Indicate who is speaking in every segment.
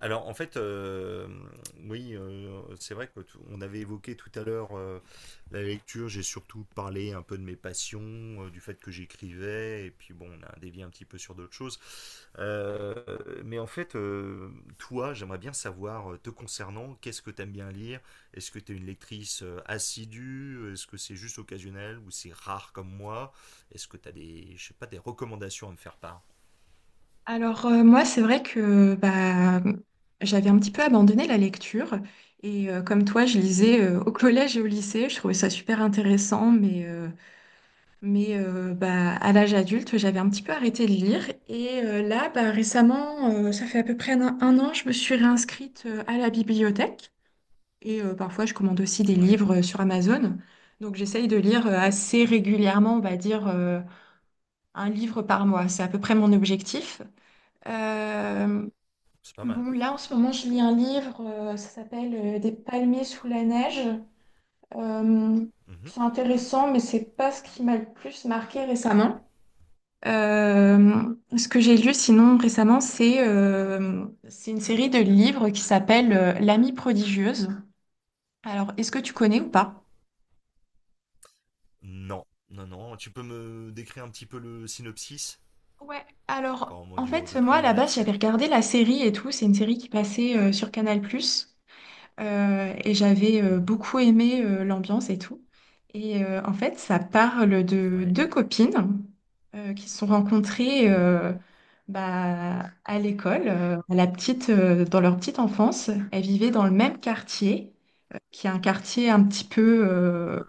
Speaker 1: Alors en fait, oui, c'est vrai que on avait évoqué tout à l'heure la lecture. J'ai surtout parlé un peu de mes passions, du fait que j'écrivais, et puis bon, on a dévié un petit peu sur d'autres choses. Euh, mais en fait, toi, j'aimerais bien savoir, te concernant, qu'est-ce que t'aimes bien lire? Est-ce que t'es une lectrice assidue? Est-ce que c'est juste occasionnel ou c'est rare comme moi? Est-ce que t'as des, je sais pas, des recommandations à me faire part?
Speaker 2: Moi, c'est vrai que j'avais un petit peu abandonné la lecture comme toi, je lisais au collège et au lycée, je trouvais ça super intéressant, mais à l'âge adulte, j'avais un petit peu arrêté de lire là, récemment, ça fait à peu près un an, je me suis réinscrite à la bibliothèque parfois, je commande aussi des
Speaker 1: Ouais,
Speaker 2: livres sur Amazon. Donc j'essaye de lire assez régulièrement, on va dire, un livre par mois. C'est à peu près mon objectif. Euh,
Speaker 1: c'est pas mal.
Speaker 2: Bon, là, en ce moment, je lis un livre, ça s'appelle Des palmiers sous la neige. Euh, c'est intéressant, mais c'est pas ce qui m'a le plus marqué récemment. Euh, Ce que j'ai lu sinon récemment, c'est une série de livres qui s'appelle L'amie prodigieuse. Alors, est-ce que tu connais ou pas?
Speaker 1: Non, non, non. Tu peux me décrire un petit peu le synopsis.
Speaker 2: Ouais, alors
Speaker 1: Enfin, on va
Speaker 2: en
Speaker 1: dire
Speaker 2: fait,
Speaker 1: deux,
Speaker 2: moi
Speaker 1: trois
Speaker 2: à
Speaker 1: mots
Speaker 2: la base,
Speaker 1: là-dessus.
Speaker 2: j'avais regardé la série et tout, c'est une série qui passait sur Canal+. Et j'avais
Speaker 1: Mhm.
Speaker 2: beaucoup aimé l'ambiance et tout. En fait, ça parle de
Speaker 1: Ouais.
Speaker 2: deux copines qui se sont rencontrées
Speaker 1: Mhm.
Speaker 2: à l'école, dans leur petite enfance. Elles vivaient dans le même quartier, qui est un quartier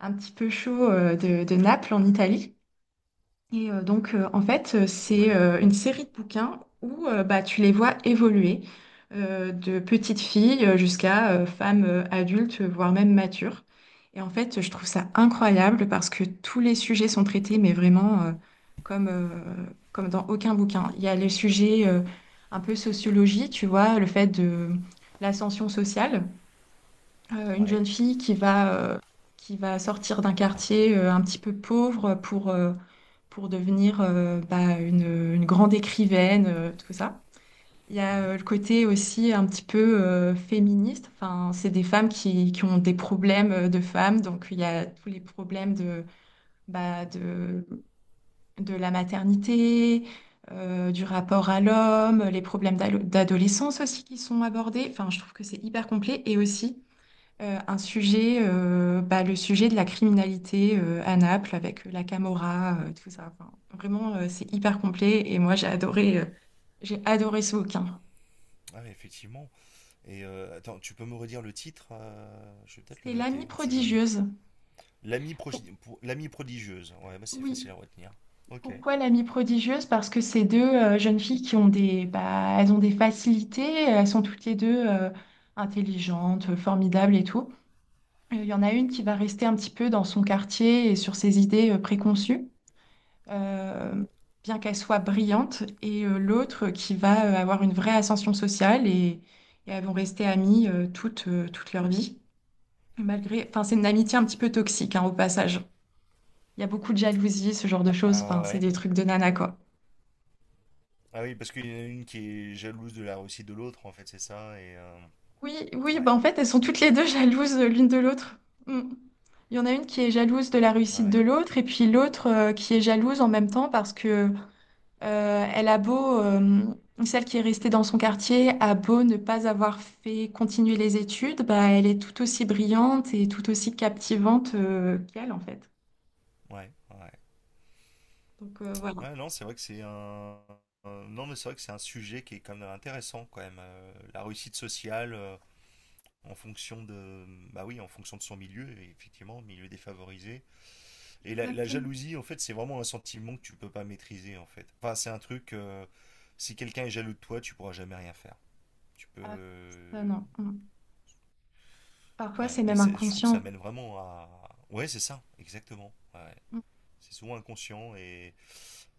Speaker 2: un petit peu chaud de Naples en Italie. Et donc, en fait, c'est
Speaker 1: Ouais.
Speaker 2: une série de bouquins où tu les vois évoluer de petite fille jusqu'à femme adulte, voire même mature. Et en fait, je trouve ça incroyable parce que tous les sujets sont traités, mais vraiment comme, euh, comme dans aucun bouquin. Il y a les sujets un peu sociologie, tu vois, le fait de l'ascension sociale, une
Speaker 1: Ouais.
Speaker 2: jeune fille qui va sortir d'un quartier un petit peu pauvre pour devenir une grande écrivaine, tout ça. Il y a
Speaker 1: Mhm.
Speaker 2: le côté aussi un petit peu féministe. Enfin, c'est des femmes qui ont des problèmes de femmes. Donc, il y a tous les problèmes bah, de, de la maternité, du rapport à l'homme, les problèmes d'adolescence aussi qui sont abordés. Enfin, je trouve que c'est hyper complet. Et aussi, un sujet, le sujet de la criminalité à Naples avec la Camorra, tout ça. Enfin, vraiment, c'est hyper complet et moi j'ai adoré ce bouquin.
Speaker 1: Ah, mais effectivement. Et attends, tu peux me redire le titre. Je vais peut-être le
Speaker 2: C'est L'amie
Speaker 1: noter, on sait jamais.
Speaker 2: prodigieuse.
Speaker 1: L'ami
Speaker 2: Pour-
Speaker 1: progi- pro- l'ami prodigieuse. Ouais, bah c'est
Speaker 2: Oui,
Speaker 1: facile à retenir. Ok.
Speaker 2: pourquoi l'amie prodigieuse? Parce que c'est deux jeunes filles qui ont des, bah, elles ont des facilités, elles sont toutes les deux intelligentes, formidables et tout. Il y en a une qui va rester un petit peu dans son quartier et sur ses idées préconçues, euh, bien qu'elle soit brillante, l'autre qui va avoir une vraie ascension sociale, et elles vont rester amies toute leur vie. Malgré, enfin, c'est une amitié un petit peu toxique, hein, au passage. Il y a beaucoup de jalousie, ce genre de choses.
Speaker 1: Ah
Speaker 2: Enfin, c'est
Speaker 1: ouais.
Speaker 2: des trucs de nana, quoi.
Speaker 1: Ah oui, parce qu'il y en a une qui est jalouse de la réussite de l'autre, en fait, c'est ça. Et
Speaker 2: Oui, oui,
Speaker 1: ouais.
Speaker 2: bah en fait, elles sont toutes
Speaker 1: Ok.
Speaker 2: les deux jalouses l'une de l'autre. Mm. Il y en a une qui est jalouse de la
Speaker 1: Ouais,
Speaker 2: réussite de
Speaker 1: ouais.
Speaker 2: l'autre et puis l'autre qui est jalouse en même temps parce que… elle a beau, celle qui est restée dans son quartier, a beau ne pas avoir fait continuer les études, bah, elle est tout aussi brillante et tout aussi captivante, qu'elle, en fait.
Speaker 1: Ouais, ouais.
Speaker 2: Voilà.
Speaker 1: Ouais, non, c'est vrai que c'est un. Un- Non, mais c'est vrai que c'est un sujet qui est quand même intéressant, quand même. La réussite sociale en fonction de. Bah oui, en fonction de son milieu, et effectivement, milieu défavorisé. Et la
Speaker 2: Exactement.
Speaker 1: jalousie, en fait, c'est vraiment un sentiment que tu peux pas maîtriser, en fait. Enfin, c'est un truc. Si quelqu'un est jaloux de toi, tu pourras jamais rien faire. Tu peux.
Speaker 2: Ah, ça, non. Mm. Parfois,
Speaker 1: Ouais,
Speaker 2: c'est
Speaker 1: mais
Speaker 2: même
Speaker 1: je trouve que ça
Speaker 2: inconscient.
Speaker 1: mène vraiment à. Ouais, c'est ça, exactement. Ouais.
Speaker 2: Mm.
Speaker 1: C'est souvent inconscient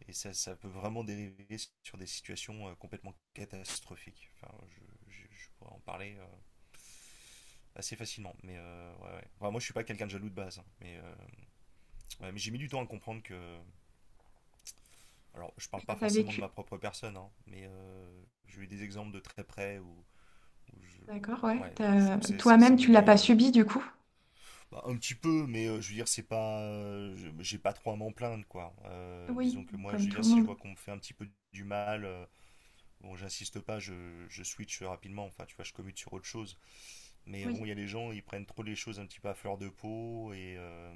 Speaker 1: et ça peut vraiment dériver sur des situations complètement catastrophiques. Enfin, je pourrais en parler assez facilement. Mais ouais, ouais. Enfin, moi, je suis pas quelqu'un de jaloux de base, hein, mais ouais, mais j'ai mis du temps à comprendre que. Alors, je parle
Speaker 2: Bah,
Speaker 1: pas
Speaker 2: t'as
Speaker 1: forcément de ma
Speaker 2: vécu.
Speaker 1: propre personne, hein, mais j'ai eu des exemples de très près où
Speaker 2: D'accord,
Speaker 1: je.
Speaker 2: ouais.
Speaker 1: Ouais, je trouve que c'est
Speaker 2: Toi-même, tu l'as
Speaker 1: mené
Speaker 2: pas subi, du coup?
Speaker 1: bah, un petit peu, mais je veux dire, c'est pas. J'ai pas trop à m'en plaindre, quoi.
Speaker 2: Oui,
Speaker 1: Disons que moi, je
Speaker 2: comme
Speaker 1: veux
Speaker 2: tout
Speaker 1: dire,
Speaker 2: le
Speaker 1: si je
Speaker 2: monde.
Speaker 1: vois qu'on me fait un petit peu du mal. Bon, j'insiste pas, je switch rapidement, enfin, tu vois, je commute sur autre chose. Mais
Speaker 2: Oui.
Speaker 1: bon, il y a des gens, ils prennent trop les choses un petit peu à fleur de peau, et, euh,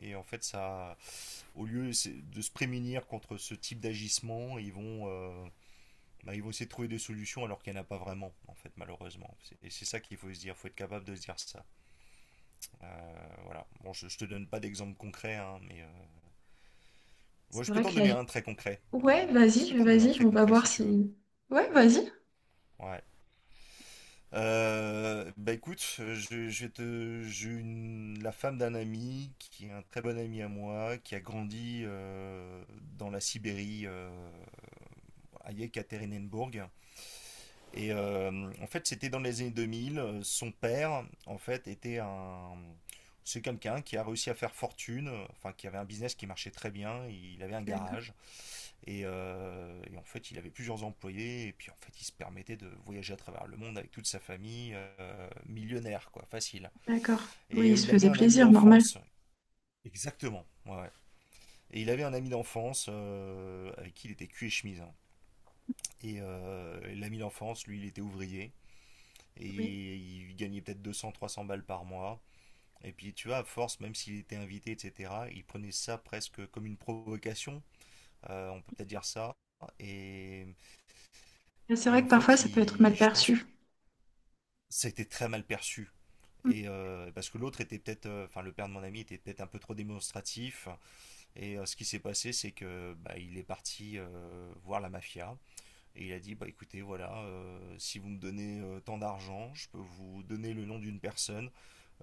Speaker 1: et en fait, ça, au lieu de se prémunir contre ce type d'agissement, ils vont essayer de trouver des solutions alors qu'il n'y en a pas vraiment, en fait, malheureusement. Et c'est ça qu'il faut se dire, faut être capable de se dire ça. Voilà. Bon, je te donne pas d'exemple concret, hein, mais ouais,
Speaker 2: C'est
Speaker 1: je peux
Speaker 2: vrai
Speaker 1: t'en
Speaker 2: que la…
Speaker 1: donner un très concret.
Speaker 2: Ouais,
Speaker 1: Je peux
Speaker 2: vas-y,
Speaker 1: t'en donner un
Speaker 2: vas-y,
Speaker 1: très
Speaker 2: on va
Speaker 1: concret
Speaker 2: voir
Speaker 1: si tu veux.
Speaker 2: si… Ouais, vas-y.
Speaker 1: Ouais. Bah écoute, je vais te, j'ai une, la femme d'un ami qui est un très bon ami à moi, qui a grandi dans la Sibérie, à Yekaterinenburg. Et en fait, c'était dans les années 2000. Son père, en fait, c'est quelqu'un qui a réussi à faire fortune, enfin qui avait un business qui marchait très bien. Il avait un
Speaker 2: D'accord,
Speaker 1: garage. Et en fait, il avait plusieurs employés, et puis en fait, il se permettait de voyager à travers le monde avec toute sa famille, millionnaire, quoi, facile.
Speaker 2: d'accord. Oui,
Speaker 1: Et
Speaker 2: il se
Speaker 1: il avait
Speaker 2: faisait
Speaker 1: un ami
Speaker 2: plaisir, normal.
Speaker 1: d'enfance, exactement, ouais, ouais. Et il avait un ami d'enfance avec qui il était cul et chemise, hein. Et l'ami d'enfance, lui, il était ouvrier,
Speaker 2: Oui.
Speaker 1: et il gagnait peut-être 200, 300 balles par mois. Et puis, tu vois, à force, même s'il était invité, etc., il prenait ça presque comme une provocation, on peut peut-être dire ça. Et,
Speaker 2: Mais c'est
Speaker 1: et
Speaker 2: vrai
Speaker 1: en
Speaker 2: que parfois
Speaker 1: fait,
Speaker 2: ça peut être
Speaker 1: il,
Speaker 2: mal
Speaker 1: je pense
Speaker 2: perçu.
Speaker 1: c'était très mal perçu. Et parce que l'autre était peut-être, enfin le père de mon ami était peut-être un peu trop démonstratif. Et ce qui s'est passé, c'est que bah, il est parti voir la mafia. Et il a dit, bah écoutez, voilà, si vous me donnez tant d'argent, je peux vous donner le nom d'une personne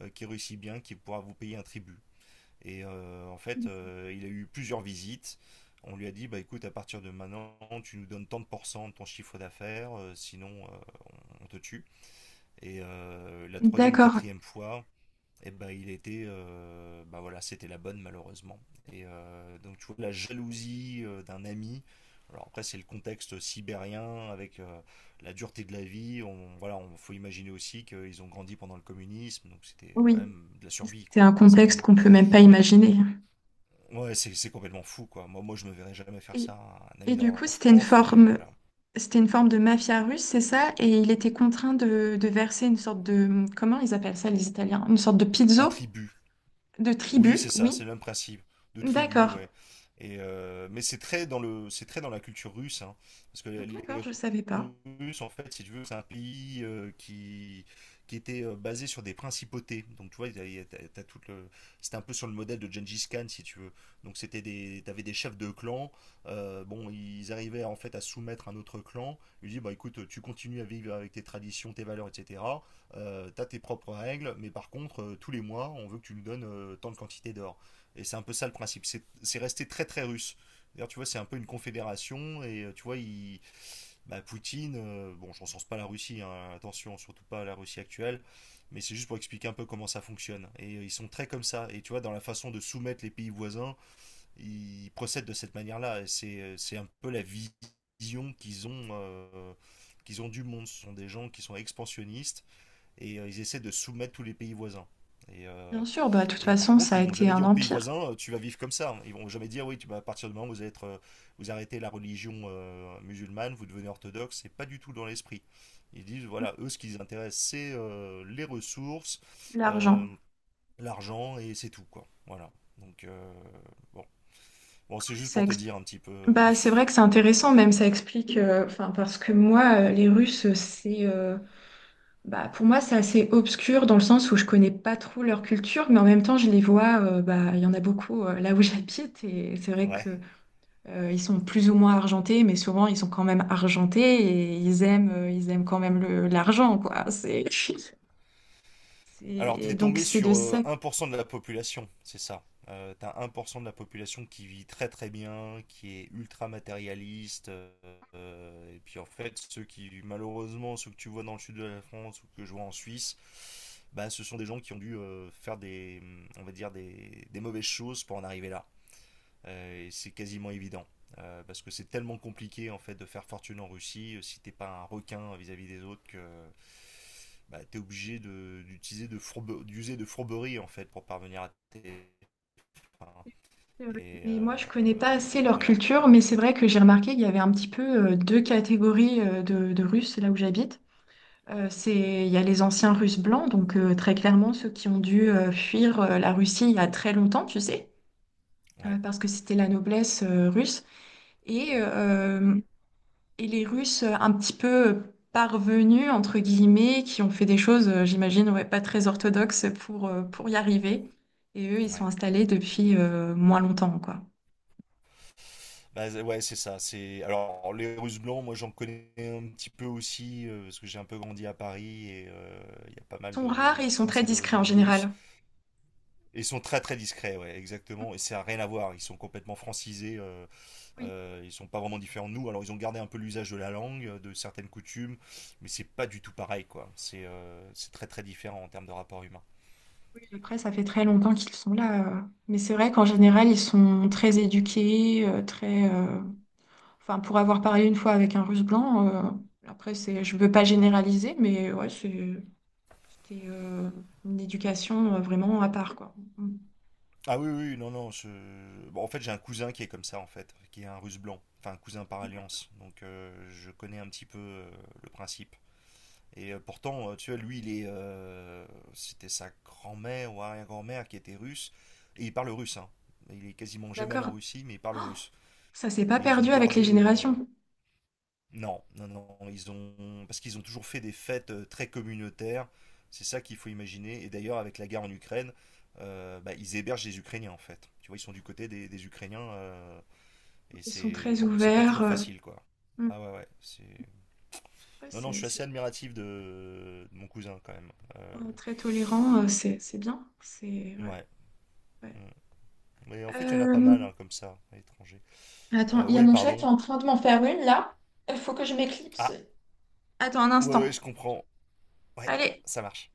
Speaker 1: qui réussit bien, qui pourra vous payer un tribut. Et en fait, il a eu plusieurs visites. On lui a dit, bah écoute, à partir de maintenant, tu nous donnes tant de pourcents de ton chiffre d'affaires, sinon on te tue. Et la troisième ou
Speaker 2: D'accord,
Speaker 1: quatrième fois, et ben il était, bah voilà, c'était la bonne malheureusement. Et donc tu vois la jalousie d'un ami. Alors après c'est le contexte sibérien avec la dureté de la vie. Voilà, on faut imaginer aussi qu'ils ont grandi pendant le communisme, donc c'était quand
Speaker 2: oui.
Speaker 1: même de la survie,
Speaker 2: C'est
Speaker 1: quoi,
Speaker 2: un
Speaker 1: très
Speaker 2: contexte
Speaker 1: certainement.
Speaker 2: qu'on peut même pas imaginer.
Speaker 1: Ouais, c'est complètement fou, quoi. Moi moi je me verrais jamais faire
Speaker 2: Et,
Speaker 1: ça à un ami
Speaker 2: et du coup,
Speaker 1: d'enfance, mais voilà.
Speaker 2: c'était une forme de mafia russe, c'est ça? Et il était contraint de verser une sorte de, comment ils appellent ça les Italiens? Une sorte de
Speaker 1: Un
Speaker 2: pizzo,
Speaker 1: tribut.
Speaker 2: de
Speaker 1: Oui,
Speaker 2: tribu,
Speaker 1: c'est ça,
Speaker 2: oui.
Speaker 1: c'est le même principe de tribu,
Speaker 2: D'accord,
Speaker 1: ouais. Et mais c'est très dans la culture russe, hein, parce que
Speaker 2: d'accord,
Speaker 1: les
Speaker 2: je savais pas.
Speaker 1: Russes, en fait, si tu veux, c'est un pays qui était basé sur des principautés. Donc tu vois, il y a- t'as- t'as c'était un peu sur le modèle de Gengis Khan, si tu veux. Donc t'avais des chefs de clan. Bon, ils arrivaient en fait à soumettre un autre clan. Ils disaient, bah écoute, tu continues à vivre avec tes traditions, tes valeurs, etc., t'as tes propres règles, mais par contre, tous les mois, on veut que tu nous donnes tant de quantité d'or. Et c'est un peu ça le principe. C'est resté très très russe. D'ailleurs, tu vois, c'est un peu une confédération, et tu vois, bah, Poutine, bon, je recense pas la Russie, hein, attention, surtout pas la Russie actuelle, mais c'est juste pour expliquer un peu comment ça fonctionne. Et ils sont très comme ça, et tu vois, dans la façon de soumettre les pays voisins, ils procèdent de cette manière-là, et c'est un peu la vision qu'ils ont du monde. Ce sont des gens qui sont expansionnistes et ils essaient de soumettre tous les pays voisins. Et, euh,
Speaker 2: Bien sûr, bah, de toute
Speaker 1: et par
Speaker 2: façon,
Speaker 1: contre,
Speaker 2: ça a
Speaker 1: ils vont
Speaker 2: été
Speaker 1: jamais
Speaker 2: un
Speaker 1: dire aux pays
Speaker 2: empire,
Speaker 1: voisins, tu vas vivre comme ça. Ils vont jamais dire, oui, tu, vas à partir du moment où vous, allez être, vous arrêtez la religion musulmane, vous devenez orthodoxe. C'est pas du tout dans l'esprit. Ils disent, voilà, eux, ce qui les intéresse, c'est les ressources, euh,
Speaker 2: l'argent.
Speaker 1: l'argent, et c'est tout, quoi. Voilà. Donc, bon. Bon, c'est juste
Speaker 2: Ça
Speaker 1: pour te
Speaker 2: ex-
Speaker 1: dire un petit peu.
Speaker 2: Bah, c'est vrai que c'est
Speaker 1: Voilà.
Speaker 2: intéressant, même ça explique, enfin, parce que moi, les Russes, bah, pour moi, c'est assez obscur dans le sens où je connais pas trop leur culture, mais en même temps, je les vois, bah, il y en a beaucoup là où j'habite, et c'est vrai
Speaker 1: Ouais.
Speaker 2: que ils sont plus ou moins argentés, mais souvent ils sont quand même argentés et ils aiment quand même l'argent, quoi. C'est,
Speaker 1: Alors, t'es
Speaker 2: donc
Speaker 1: tombé
Speaker 2: c'est de
Speaker 1: sur
Speaker 2: ça.
Speaker 1: 1% de la population, c'est ça. T'as 1% de la population qui vit très très bien, qui est ultra matérialiste. Et puis en fait, ceux qui, malheureusement, ceux que tu vois dans le sud de la France ou que je vois en Suisse, bah, ce sont des gens qui ont dû faire des, on va dire, des mauvaises choses pour en arriver là, et c'est quasiment évident. Parce que c'est tellement compliqué en fait de faire fortune en Russie si t'es pas un requin vis-à-vis des autres que bah, t'es obligé d'user de fourberie en fait pour parvenir à tes fins. Et
Speaker 2: Et moi, je connais pas assez leur
Speaker 1: voilà,
Speaker 2: culture,
Speaker 1: bon,
Speaker 2: mais c'est vrai que j'ai remarqué qu'il y avait un petit peu deux catégories de Russes là où j'habite. Il y a les anciens Russes blancs, donc très clairement ceux qui ont dû fuir la Russie il y a très longtemps, tu sais,
Speaker 1: ouais,
Speaker 2: parce que c'était la noblesse russe. Et,
Speaker 1: ouais,
Speaker 2: euh, et les Russes un petit peu parvenus, entre guillemets, qui ont fait des choses, j'imagine, ouais, pas très orthodoxes pour y arriver. Et eux, ils sont
Speaker 1: ouais.
Speaker 2: installés depuis moins longtemps, quoi.
Speaker 1: Bah, ouais, c'est ça. C'est alors les Russes blancs, moi j'en connais un petit peu aussi parce que j'ai un peu grandi à Paris et il y a pas
Speaker 2: Ils
Speaker 1: mal
Speaker 2: sont
Speaker 1: de
Speaker 2: rares et ils sont très
Speaker 1: Français
Speaker 2: discrets en
Speaker 1: d'origine russe.
Speaker 2: général.
Speaker 1: Ils sont très très discrets, ouais, exactement. Et ça n'a rien à voir. Ils sont complètement francisés. Ils sont pas vraiment différents de nous. Alors ils ont gardé un peu l'usage de la langue, de certaines coutumes, mais c'est pas du tout pareil, quoi. C'est très très différent en termes de rapport humain.
Speaker 2: Oui, après, ça fait très longtemps qu'ils sont là. Mais c'est vrai qu'en général, ils sont très éduqués, très… Enfin, pour avoir parlé une fois avec un Russe blanc, après, c'est, je veux pas
Speaker 1: Ouais.
Speaker 2: généraliser, mais ouais, c'était une éducation vraiment à part, quoi. Mm.
Speaker 1: Ah oui oui non non. Bon, en fait j'ai un cousin qui est comme ça en fait, qui est un Russe blanc, enfin un cousin par alliance. Donc je connais un petit peu le principe. Et pourtant, tu vois, lui, c'était sa grand-mère ou arrière-grand-mère qui était russe, et il parle russe, hein. Il est quasiment jamais allé
Speaker 2: D'accord.
Speaker 1: en Russie, mais il
Speaker 2: Oh,
Speaker 1: parle russe.
Speaker 2: ça s'est pas
Speaker 1: Et ils ont
Speaker 2: perdu avec les
Speaker 1: gardé,
Speaker 2: générations.
Speaker 1: non, non, non, ils ont, parce qu'ils ont toujours fait des fêtes très communautaires. C'est ça qu'il faut imaginer. Et d'ailleurs, avec la guerre en Ukraine, bah, ils hébergent les Ukrainiens en fait. Tu vois, ils sont du côté des Ukrainiens, et
Speaker 2: Ils sont
Speaker 1: c'est
Speaker 2: très
Speaker 1: bon, c'est pas
Speaker 2: ouverts.
Speaker 1: toujours facile, quoi.
Speaker 2: Mm.
Speaker 1: Ah ouais, ouais, c'est.
Speaker 2: Ouais,
Speaker 1: Non, non, je
Speaker 2: c'est
Speaker 1: suis
Speaker 2: c'est,
Speaker 1: assez admiratif de mon cousin quand même.
Speaker 2: euh, très tolérant. C'est bien. C'est, ouais,
Speaker 1: Ouais. Mm.
Speaker 2: ouais.
Speaker 1: Mais en fait, il y en a pas
Speaker 2: Euh,
Speaker 1: mal hein, comme ça, à l'étranger.
Speaker 2: Attends, il y a
Speaker 1: Oui,
Speaker 2: mon chat qui est
Speaker 1: pardon.
Speaker 2: en train de m'en faire une là. Il faut que je m'éclipse.
Speaker 1: Ah,
Speaker 2: Attends un
Speaker 1: ouais, ouais,
Speaker 2: instant.
Speaker 1: je comprends. Ouais,
Speaker 2: Allez.
Speaker 1: ça marche.